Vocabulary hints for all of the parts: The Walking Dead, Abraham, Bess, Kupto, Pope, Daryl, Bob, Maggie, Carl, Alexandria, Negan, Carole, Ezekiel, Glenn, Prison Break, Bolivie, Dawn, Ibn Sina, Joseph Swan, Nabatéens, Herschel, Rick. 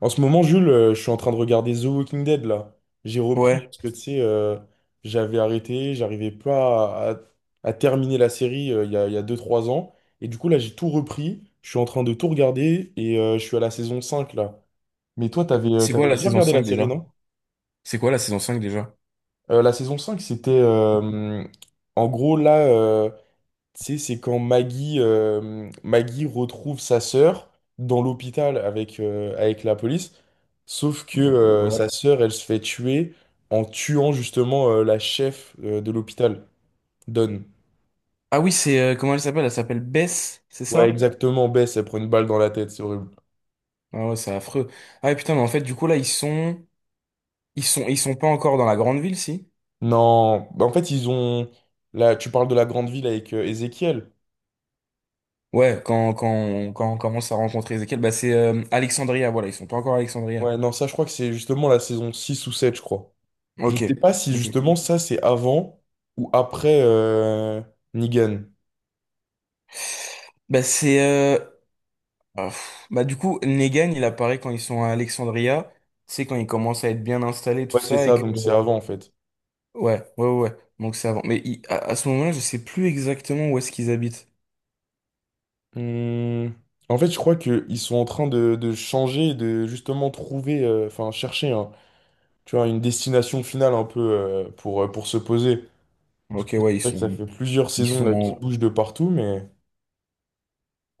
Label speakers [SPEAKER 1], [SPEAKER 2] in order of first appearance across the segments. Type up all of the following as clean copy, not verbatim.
[SPEAKER 1] En ce moment, Jules, je suis en train de regarder The Walking Dead là. J'ai repris
[SPEAKER 2] Ouais.
[SPEAKER 1] parce que tu sais, j'avais arrêté, j'arrivais pas à, à terminer la série il y a 2-3 ans. Et du coup, là, j'ai tout repris. Je suis en train de tout regarder et je suis à la saison 5 là. Mais toi, t'avais,
[SPEAKER 2] C'est quoi
[SPEAKER 1] t'avais
[SPEAKER 2] la
[SPEAKER 1] déjà
[SPEAKER 2] saison
[SPEAKER 1] regardé la
[SPEAKER 2] 5
[SPEAKER 1] série,
[SPEAKER 2] déjà?
[SPEAKER 1] non?
[SPEAKER 2] C'est quoi la saison 5 déjà?
[SPEAKER 1] La saison 5, c'était en gros là. Tu sais, c'est quand Maggie retrouve sa sœur dans l'hôpital avec, avec la police, sauf que
[SPEAKER 2] Ouais.
[SPEAKER 1] sa sœur, elle se fait tuer en tuant justement la chef de l'hôpital, Dawn.
[SPEAKER 2] Ah oui, c'est comment elle s'appelle? Elle s'appelle Bess, c'est
[SPEAKER 1] Ouais,
[SPEAKER 2] ça?
[SPEAKER 1] exactement, Bess, elle prend une balle dans la tête, c'est horrible.
[SPEAKER 2] Ah ouais, c'est affreux. Ah ouais, putain, mais en fait, du coup là, ils sont pas encore dans la grande ville, si?
[SPEAKER 1] Non, bah, en fait, ils ont... Là, tu parles de la grande ville avec Ezekiel.
[SPEAKER 2] Ouais, quand on, quand on commence à rencontrer Ezekiel, bah c'est Alexandria, voilà, ils sont pas encore à Alexandria.
[SPEAKER 1] Ouais, non, ça, je crois que c'est justement la saison 6 ou 7 je crois. Je
[SPEAKER 2] OK.
[SPEAKER 1] sais pas si
[SPEAKER 2] OK.
[SPEAKER 1] justement ça, c'est avant ou après Negan.
[SPEAKER 2] Bah c'est euh, bah du coup Negan, il apparaît quand ils sont à Alexandria, c'est quand ils commencent à être bien installés tout
[SPEAKER 1] Ouais, c'est
[SPEAKER 2] ça et
[SPEAKER 1] ça,
[SPEAKER 2] que
[SPEAKER 1] donc c'est avant en fait.
[SPEAKER 2] Ouais. Donc c'est avant. Mais à ce moment-là, je sais plus exactement où est-ce qu'ils habitent.
[SPEAKER 1] Hmm. En fait, je crois qu'ils sont en train de changer, de justement trouver, enfin tu vois, une destination finale un peu pour se poser.
[SPEAKER 2] Ok,
[SPEAKER 1] C'est
[SPEAKER 2] ouais,
[SPEAKER 1] vrai que ça fait plusieurs
[SPEAKER 2] ils
[SPEAKER 1] saisons
[SPEAKER 2] sont.
[SPEAKER 1] là qui
[SPEAKER 2] en-
[SPEAKER 1] bougent de partout, mais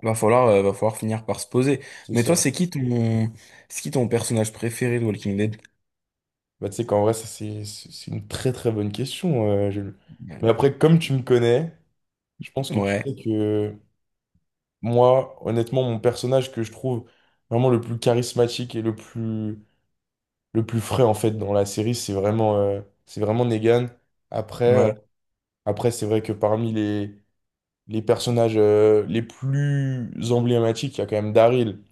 [SPEAKER 2] Va falloir finir par se poser.
[SPEAKER 1] c'est
[SPEAKER 2] Mais toi,
[SPEAKER 1] ça.
[SPEAKER 2] c'est qui ton personnage préféré de Walking Dead?
[SPEAKER 1] Bah, tu sais qu'en vrai, ça, c'est une très très bonne question. Jules. Mais après, comme tu me connais, je pense que tu
[SPEAKER 2] Ouais,
[SPEAKER 1] sais que moi, honnêtement, mon personnage que je trouve vraiment le plus charismatique et le plus frais en fait dans la série, c'est vraiment, Negan. Après, euh,
[SPEAKER 2] ouais.
[SPEAKER 1] après c'est vrai que parmi les personnages les plus emblématiques, il y a quand même Daryl.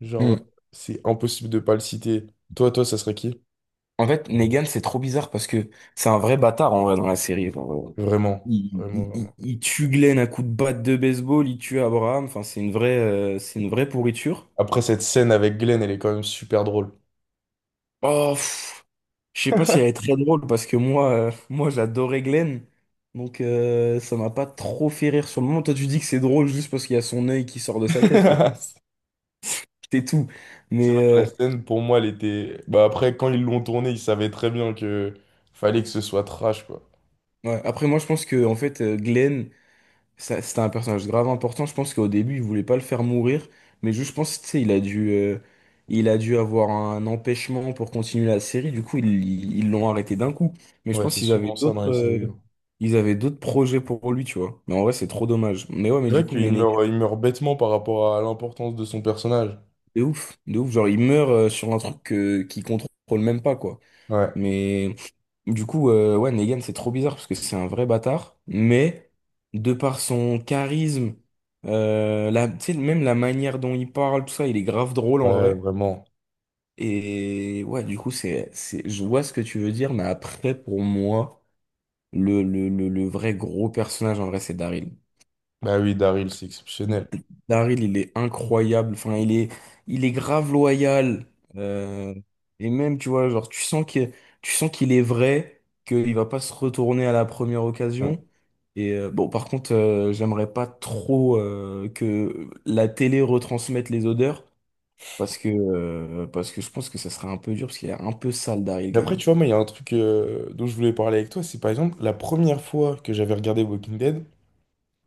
[SPEAKER 1] Genre, euh,
[SPEAKER 2] Hmm.
[SPEAKER 1] c'est impossible de pas le citer. Toi, ça serait qui?
[SPEAKER 2] En fait, Negan, c'est trop bizarre parce que c'est un vrai bâtard en vrai dans la série.
[SPEAKER 1] Vraiment,
[SPEAKER 2] Il,
[SPEAKER 1] vraiment,
[SPEAKER 2] il, il-
[SPEAKER 1] vraiment.
[SPEAKER 2] il tue Glenn à coups de batte de baseball, il tue Abraham. Enfin, c'est une vraie pourriture.
[SPEAKER 1] Après cette scène avec Glenn, elle est quand même super drôle.
[SPEAKER 2] Oh, pff, je sais pas si elle est très drôle parce que moi j'adorais Glenn. Ça m'a pas trop fait rire sur le moment. Toi tu dis que c'est drôle juste parce qu'il y a son œil qui sort de sa tête, quoi. C'est tout.
[SPEAKER 1] C'est vrai que la
[SPEAKER 2] Mais euh,
[SPEAKER 1] scène, pour moi, elle était. Bah après, quand ils l'ont tournée, ils savaient très bien que fallait que ce soit trash, quoi.
[SPEAKER 2] ouais. Après moi je pense que en fait Glenn. C'était un personnage grave important. Je pense qu'au début, il voulait pas le faire mourir. Mais juste, je pense, tu sais, il a dû avoir un empêchement pour continuer la série. Du coup, ils l'ont arrêté d'un coup. Mais je
[SPEAKER 1] Ouais,
[SPEAKER 2] pense
[SPEAKER 1] c'est
[SPEAKER 2] qu'ils avaient
[SPEAKER 1] souvent ça dans les séries, hein.
[SPEAKER 2] ils avaient d'autres projets pour lui, tu vois. Mais en vrai, c'est trop dommage. Mais ouais, mais
[SPEAKER 1] C'est
[SPEAKER 2] du
[SPEAKER 1] vrai
[SPEAKER 2] coup,
[SPEAKER 1] qu'il
[SPEAKER 2] Menegas,
[SPEAKER 1] meurt, il meurt bêtement par rapport à l'importance de son personnage.
[SPEAKER 2] de ouf, de ouf. Genre, il meurt, sur un truc, qu'il contrôle même pas, quoi.
[SPEAKER 1] Ouais,
[SPEAKER 2] Mais du coup, ouais, Negan, c'est trop bizarre parce que c'est un vrai bâtard. Mais de par son charisme, tu sais, même la manière dont il parle, tout ça, il est grave drôle en
[SPEAKER 1] ouais,
[SPEAKER 2] vrai.
[SPEAKER 1] vraiment.
[SPEAKER 2] Et ouais, du coup, je vois ce que tu veux dire, mais après, pour moi, le vrai gros personnage en vrai, c'est Daryl.
[SPEAKER 1] Bah oui, Daryl, c'est exceptionnel.
[SPEAKER 2] Daryl, il est incroyable. Enfin, il est grave loyal. Euh, et même, tu vois, tu sens qu'il est vrai, qu'il va pas se retourner à la première
[SPEAKER 1] Bon.
[SPEAKER 2] occasion. Et bon, par contre, j'aimerais pas trop que la télé retransmette les odeurs, parce que je pense que ça serait un peu dur, parce qu'il est un peu sale, Daryl,
[SPEAKER 1] Mais
[SPEAKER 2] quand
[SPEAKER 1] après,
[SPEAKER 2] même.
[SPEAKER 1] tu vois, moi, il y a un truc dont je voulais parler avec toi, c'est par exemple, la première fois que j'avais regardé Walking Dead,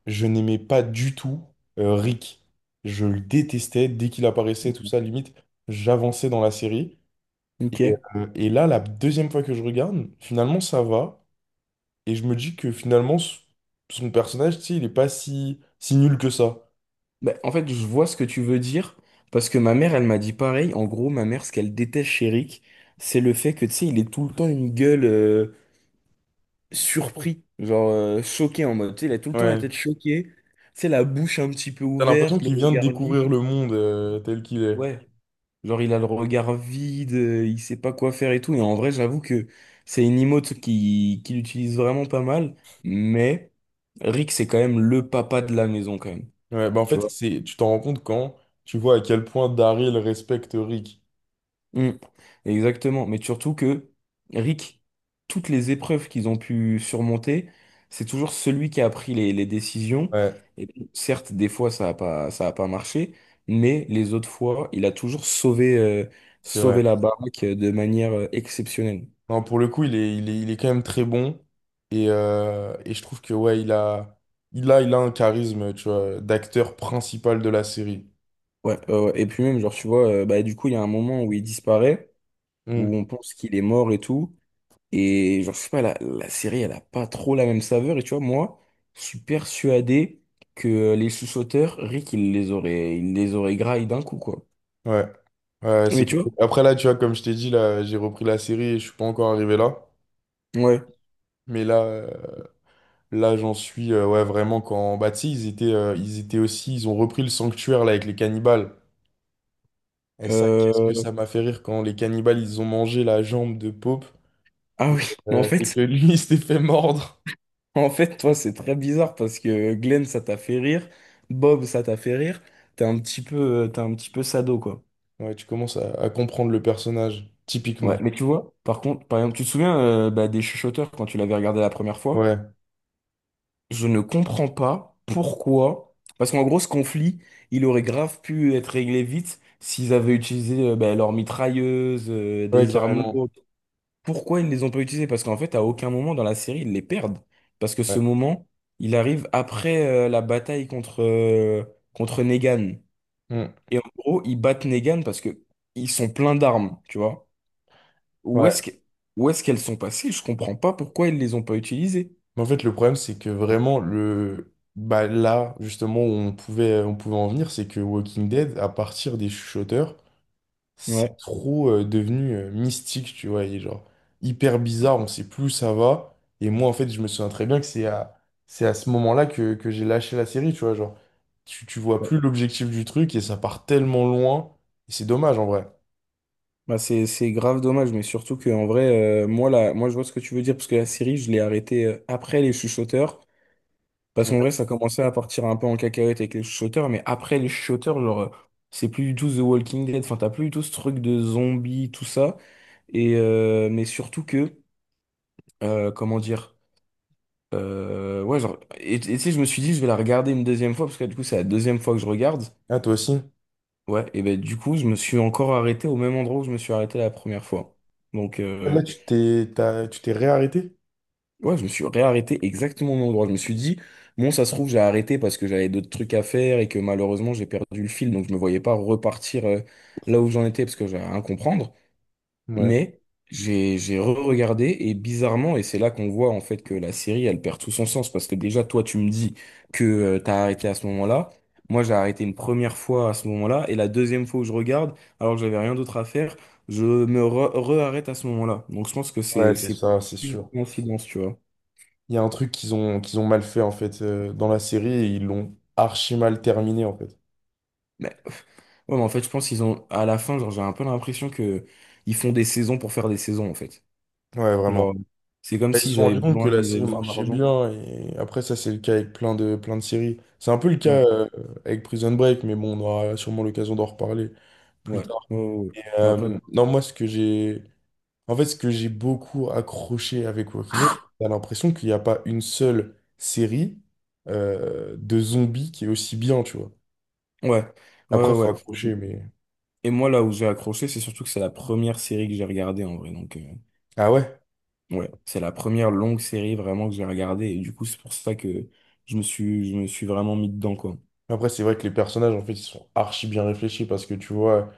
[SPEAKER 1] je n'aimais pas du tout Rick. Je le détestais, dès qu'il apparaissait, tout ça, limite, j'avançais dans la série. Et,
[SPEAKER 2] Ok.
[SPEAKER 1] euh, et là, la deuxième fois que je regarde, finalement, ça va. Et je me dis que finalement, son personnage, tu sais, il est pas si, si nul que ça.
[SPEAKER 2] Bah, en fait, je vois ce que tu veux dire, parce que ma mère, elle m'a dit pareil. En gros, ma mère, ce qu'elle déteste chez Rick, c'est le fait que, tu sais, il est tout le temps une gueule surpris, choqué en mode, tu sais, il a tout le temps la
[SPEAKER 1] Ouais.
[SPEAKER 2] tête choquée, tu sais, la bouche un petit peu
[SPEAKER 1] T'as l'impression
[SPEAKER 2] ouverte, le
[SPEAKER 1] qu'il vient de
[SPEAKER 2] regard vide.
[SPEAKER 1] découvrir le monde tel qu'il est.
[SPEAKER 2] Ouais, genre il a le regard vide, il sait pas quoi faire et tout. Et en vrai, j'avoue que c'est une emote qui l'utilise vraiment pas mal, mais Rick, c'est quand même le papa de la maison, quand même.
[SPEAKER 1] Ouais, bah en
[SPEAKER 2] Tu
[SPEAKER 1] fait,
[SPEAKER 2] vois.
[SPEAKER 1] c'est, tu t'en rends compte quand tu vois à quel point Daryl respecte Rick.
[SPEAKER 2] Mm. Exactement. Mais surtout que Rick, toutes les épreuves qu'ils ont pu surmonter, c'est toujours celui qui a pris les décisions.
[SPEAKER 1] Ouais,
[SPEAKER 2] Et certes, des fois, ça a pas marché, mais les autres fois, il a toujours
[SPEAKER 1] c'est
[SPEAKER 2] sauvé
[SPEAKER 1] vrai.
[SPEAKER 2] la baraque de manière exceptionnelle.
[SPEAKER 1] Non, pour le coup, il est quand même très bon. Et je trouve que ouais, il a un charisme, tu vois, d'acteur principal de la série.
[SPEAKER 2] Ouais. Et puis même, genre, tu vois, bah, du coup, il y a un moment où il disparaît, où
[SPEAKER 1] Hmm,
[SPEAKER 2] on pense qu'il est mort et tout. Et genre, je sais pas, la série, elle a pas trop la même saveur. Et tu vois, moi, je suis persuadé que les sous-sauteurs, Rick, il les aurait graillés d'un coup, quoi.
[SPEAKER 1] ouais. Ouais, c'est...
[SPEAKER 2] Mais tu vois,
[SPEAKER 1] Après là, tu vois, comme je t'ai dit, là, j'ai repris la série et je suis pas encore arrivé là.
[SPEAKER 2] ouais.
[SPEAKER 1] Mais là, j'en suis ouais, vraiment quand. Bah, tu sais, ils étaient aussi. Ils ont repris le sanctuaire là avec les cannibales. Et ça, qu'est-ce que
[SPEAKER 2] Euh,
[SPEAKER 1] ça m'a fait rire quand les cannibales, ils ont mangé la jambe de Pope
[SPEAKER 2] ah oui, mais en
[SPEAKER 1] euh, et que
[SPEAKER 2] fait,
[SPEAKER 1] lui, il s'était fait mordre.
[SPEAKER 2] en fait, toi, c'est très bizarre parce que Glenn, ça t'a fait rire. Bob, ça t'a fait rire. T'es un petit peu, t'es un petit peu sado, quoi.
[SPEAKER 1] Ouais, tu commences à comprendre le personnage,
[SPEAKER 2] Ouais,
[SPEAKER 1] typiquement.
[SPEAKER 2] mais tu vois, par contre, par exemple, tu te souviens bah, des chuchoteurs quand tu l'avais regardé la première fois?
[SPEAKER 1] Ouais,
[SPEAKER 2] Je ne comprends pas pourquoi. Parce qu'en gros, ce conflit, il aurait grave pu être réglé vite s'ils avaient utilisé bah, leurs mitrailleuses,
[SPEAKER 1] ouais,
[SPEAKER 2] des armes
[SPEAKER 1] carrément.
[SPEAKER 2] lourdes. Pourquoi ils ne les ont pas utilisées? Parce qu'en fait, à aucun moment dans la série, ils les perdent. Parce que ce
[SPEAKER 1] Ouais.
[SPEAKER 2] moment, il arrive après la bataille contre, contre Negan.
[SPEAKER 1] Mm.
[SPEAKER 2] Et en gros, ils battent Negan parce que ils sont pleins d'armes, tu vois. Où est-ce
[SPEAKER 1] Ouais.
[SPEAKER 2] que- où est-ce qu'elles sont passées? Je comprends pas pourquoi ils les ont pas utilisées.
[SPEAKER 1] Mais en fait, le problème, c'est que vraiment, le... bah, là, justement, où on pouvait en venir, c'est que Walking Dead, à partir des chuchoteurs, c'est
[SPEAKER 2] Ouais.
[SPEAKER 1] trop devenu mystique, tu vois, et genre hyper bizarre, on sait plus où ça va. Et moi, en fait, je me souviens très bien que c'est à ce moment-là que j'ai lâché la série, tu vois, genre, tu vois plus l'objectif du truc et ça part tellement loin, et c'est dommage en vrai.
[SPEAKER 2] Bah c'est grave dommage, mais surtout que en vrai, moi là, moi je vois ce que tu veux dire parce que la série, je l'ai arrêtée après les chuchoteurs, parce qu'en
[SPEAKER 1] Ouais.
[SPEAKER 2] vrai, ça commençait à partir un peu en cacahuète avec les chuchoteurs, mais après les chuchoteurs, c'est plus du tout The Walking Dead, enfin t'as plus du tout ce truc de zombies, tout ça, et mais surtout que, comment dire, ouais genre, et tu sais, je me suis dit, je vais la regarder une deuxième fois parce que du coup, c'est la deuxième fois que je regarde,
[SPEAKER 1] Ah, toi aussi?
[SPEAKER 2] ouais, et ben du coup, je me suis encore arrêté au même endroit où je me suis arrêté la première fois, donc.
[SPEAKER 1] Là, tu t'es réarrêté?
[SPEAKER 2] Ouais, je me suis réarrêté exactement au même endroit. Je me suis dit, bon, ça se trouve, j'ai arrêté parce que j'avais d'autres trucs à faire et que malheureusement, j'ai perdu le fil. Donc, je me voyais pas repartir là où j'en étais parce que j'avais rien à comprendre.
[SPEAKER 1] Ouais.
[SPEAKER 2] Mais j'ai re-regardé et bizarrement, et c'est là qu'on voit en fait que la série, elle perd tout son sens parce que déjà, toi, tu me dis que tu t'as arrêté à ce moment-là. Moi, j'ai arrêté une première fois à ce moment-là et la deuxième fois où je regarde, alors que j'avais rien d'autre à faire, re-arrête à ce moment-là. Donc, je pense que
[SPEAKER 1] Ouais, c'est
[SPEAKER 2] c'est
[SPEAKER 1] ça, c'est
[SPEAKER 2] une
[SPEAKER 1] sûr.
[SPEAKER 2] coïncidence, tu vois.
[SPEAKER 1] Il y a un truc qu'ils ont mal fait, en fait, dans la série, et ils l'ont archi mal terminé, en fait.
[SPEAKER 2] Ouais, mais en fait, je pense qu'ils ont, à la fin, genre, j'ai un peu l'impression que ils font des saisons pour faire des saisons, en fait.
[SPEAKER 1] Ouais, vraiment.
[SPEAKER 2] Genre, c'est comme
[SPEAKER 1] Bah, Ils se
[SPEAKER 2] s'ils
[SPEAKER 1] sont
[SPEAKER 2] avaient
[SPEAKER 1] rendus compte que
[SPEAKER 2] besoin,
[SPEAKER 1] la
[SPEAKER 2] ils avaient
[SPEAKER 1] série
[SPEAKER 2] besoin
[SPEAKER 1] marchait
[SPEAKER 2] d'argent.
[SPEAKER 1] bien, et après, ça, c'est le cas avec plein de séries. C'est un peu le cas
[SPEAKER 2] Ouais,
[SPEAKER 1] avec Prison Break, mais bon, on aura sûrement l'occasion d'en reparler plus
[SPEAKER 2] ouais,
[SPEAKER 1] tard.
[SPEAKER 2] ouais, ouais. ouais. Mais après,
[SPEAKER 1] Non, moi, ce que j'ai. En fait, ce que j'ai beaucoup accroché avec Walking Dead, t'as l'impression qu'il n'y a pas une seule série de zombies qui est aussi bien, tu vois.
[SPEAKER 2] ouais, ouais,
[SPEAKER 1] Après, faut
[SPEAKER 2] ouais. ouais.
[SPEAKER 1] accrocher, mais.
[SPEAKER 2] Et moi, là où j'ai accroché, c'est surtout que c'est la première série que j'ai regardée, en vrai. Donc,
[SPEAKER 1] Ah ouais?
[SPEAKER 2] ouais, c'est la première longue série vraiment que j'ai regardée. Et du coup, c'est pour ça que je me suis vraiment mis dedans, quoi.
[SPEAKER 1] Après, c'est vrai que les personnages, en fait, ils sont archi bien réfléchis parce que tu vois.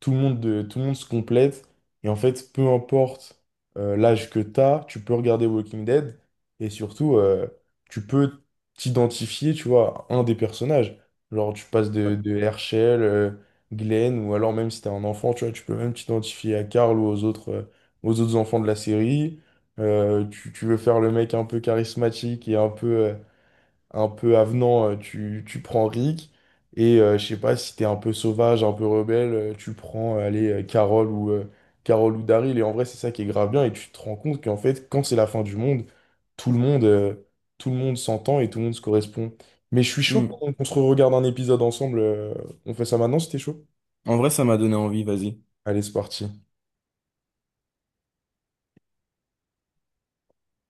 [SPEAKER 1] Tout le monde se complète. Et en fait, peu importe l'âge que tu as, tu peux regarder Walking Dead. Et surtout, tu peux t'identifier, tu vois, à un des personnages. Genre, tu passes de,
[SPEAKER 2] Ouais.
[SPEAKER 1] de Herschel, Glenn, ou alors même si t'es un enfant, tu vois, tu peux même t'identifier à Carl ou aux autres enfants de la série. Tu veux faire le mec un peu charismatique et un peu avenant, tu prends Rick. Et je sais pas si t'es un peu sauvage, un peu rebelle, tu prends, allez, Carole ou Daryl. Et en vrai, c'est ça qui est grave bien. Et tu te rends compte qu'en fait, quand c'est la fin du monde, tout le monde, euh, tout le monde s'entend et tout le monde se correspond. Mais je suis chaud
[SPEAKER 2] Hmm.
[SPEAKER 1] qu'on se regarde un épisode ensemble. On fait ça maintenant si t'es chaud?
[SPEAKER 2] En vrai, ça m'a donné envie, vas-y.
[SPEAKER 1] Allez, c'est parti.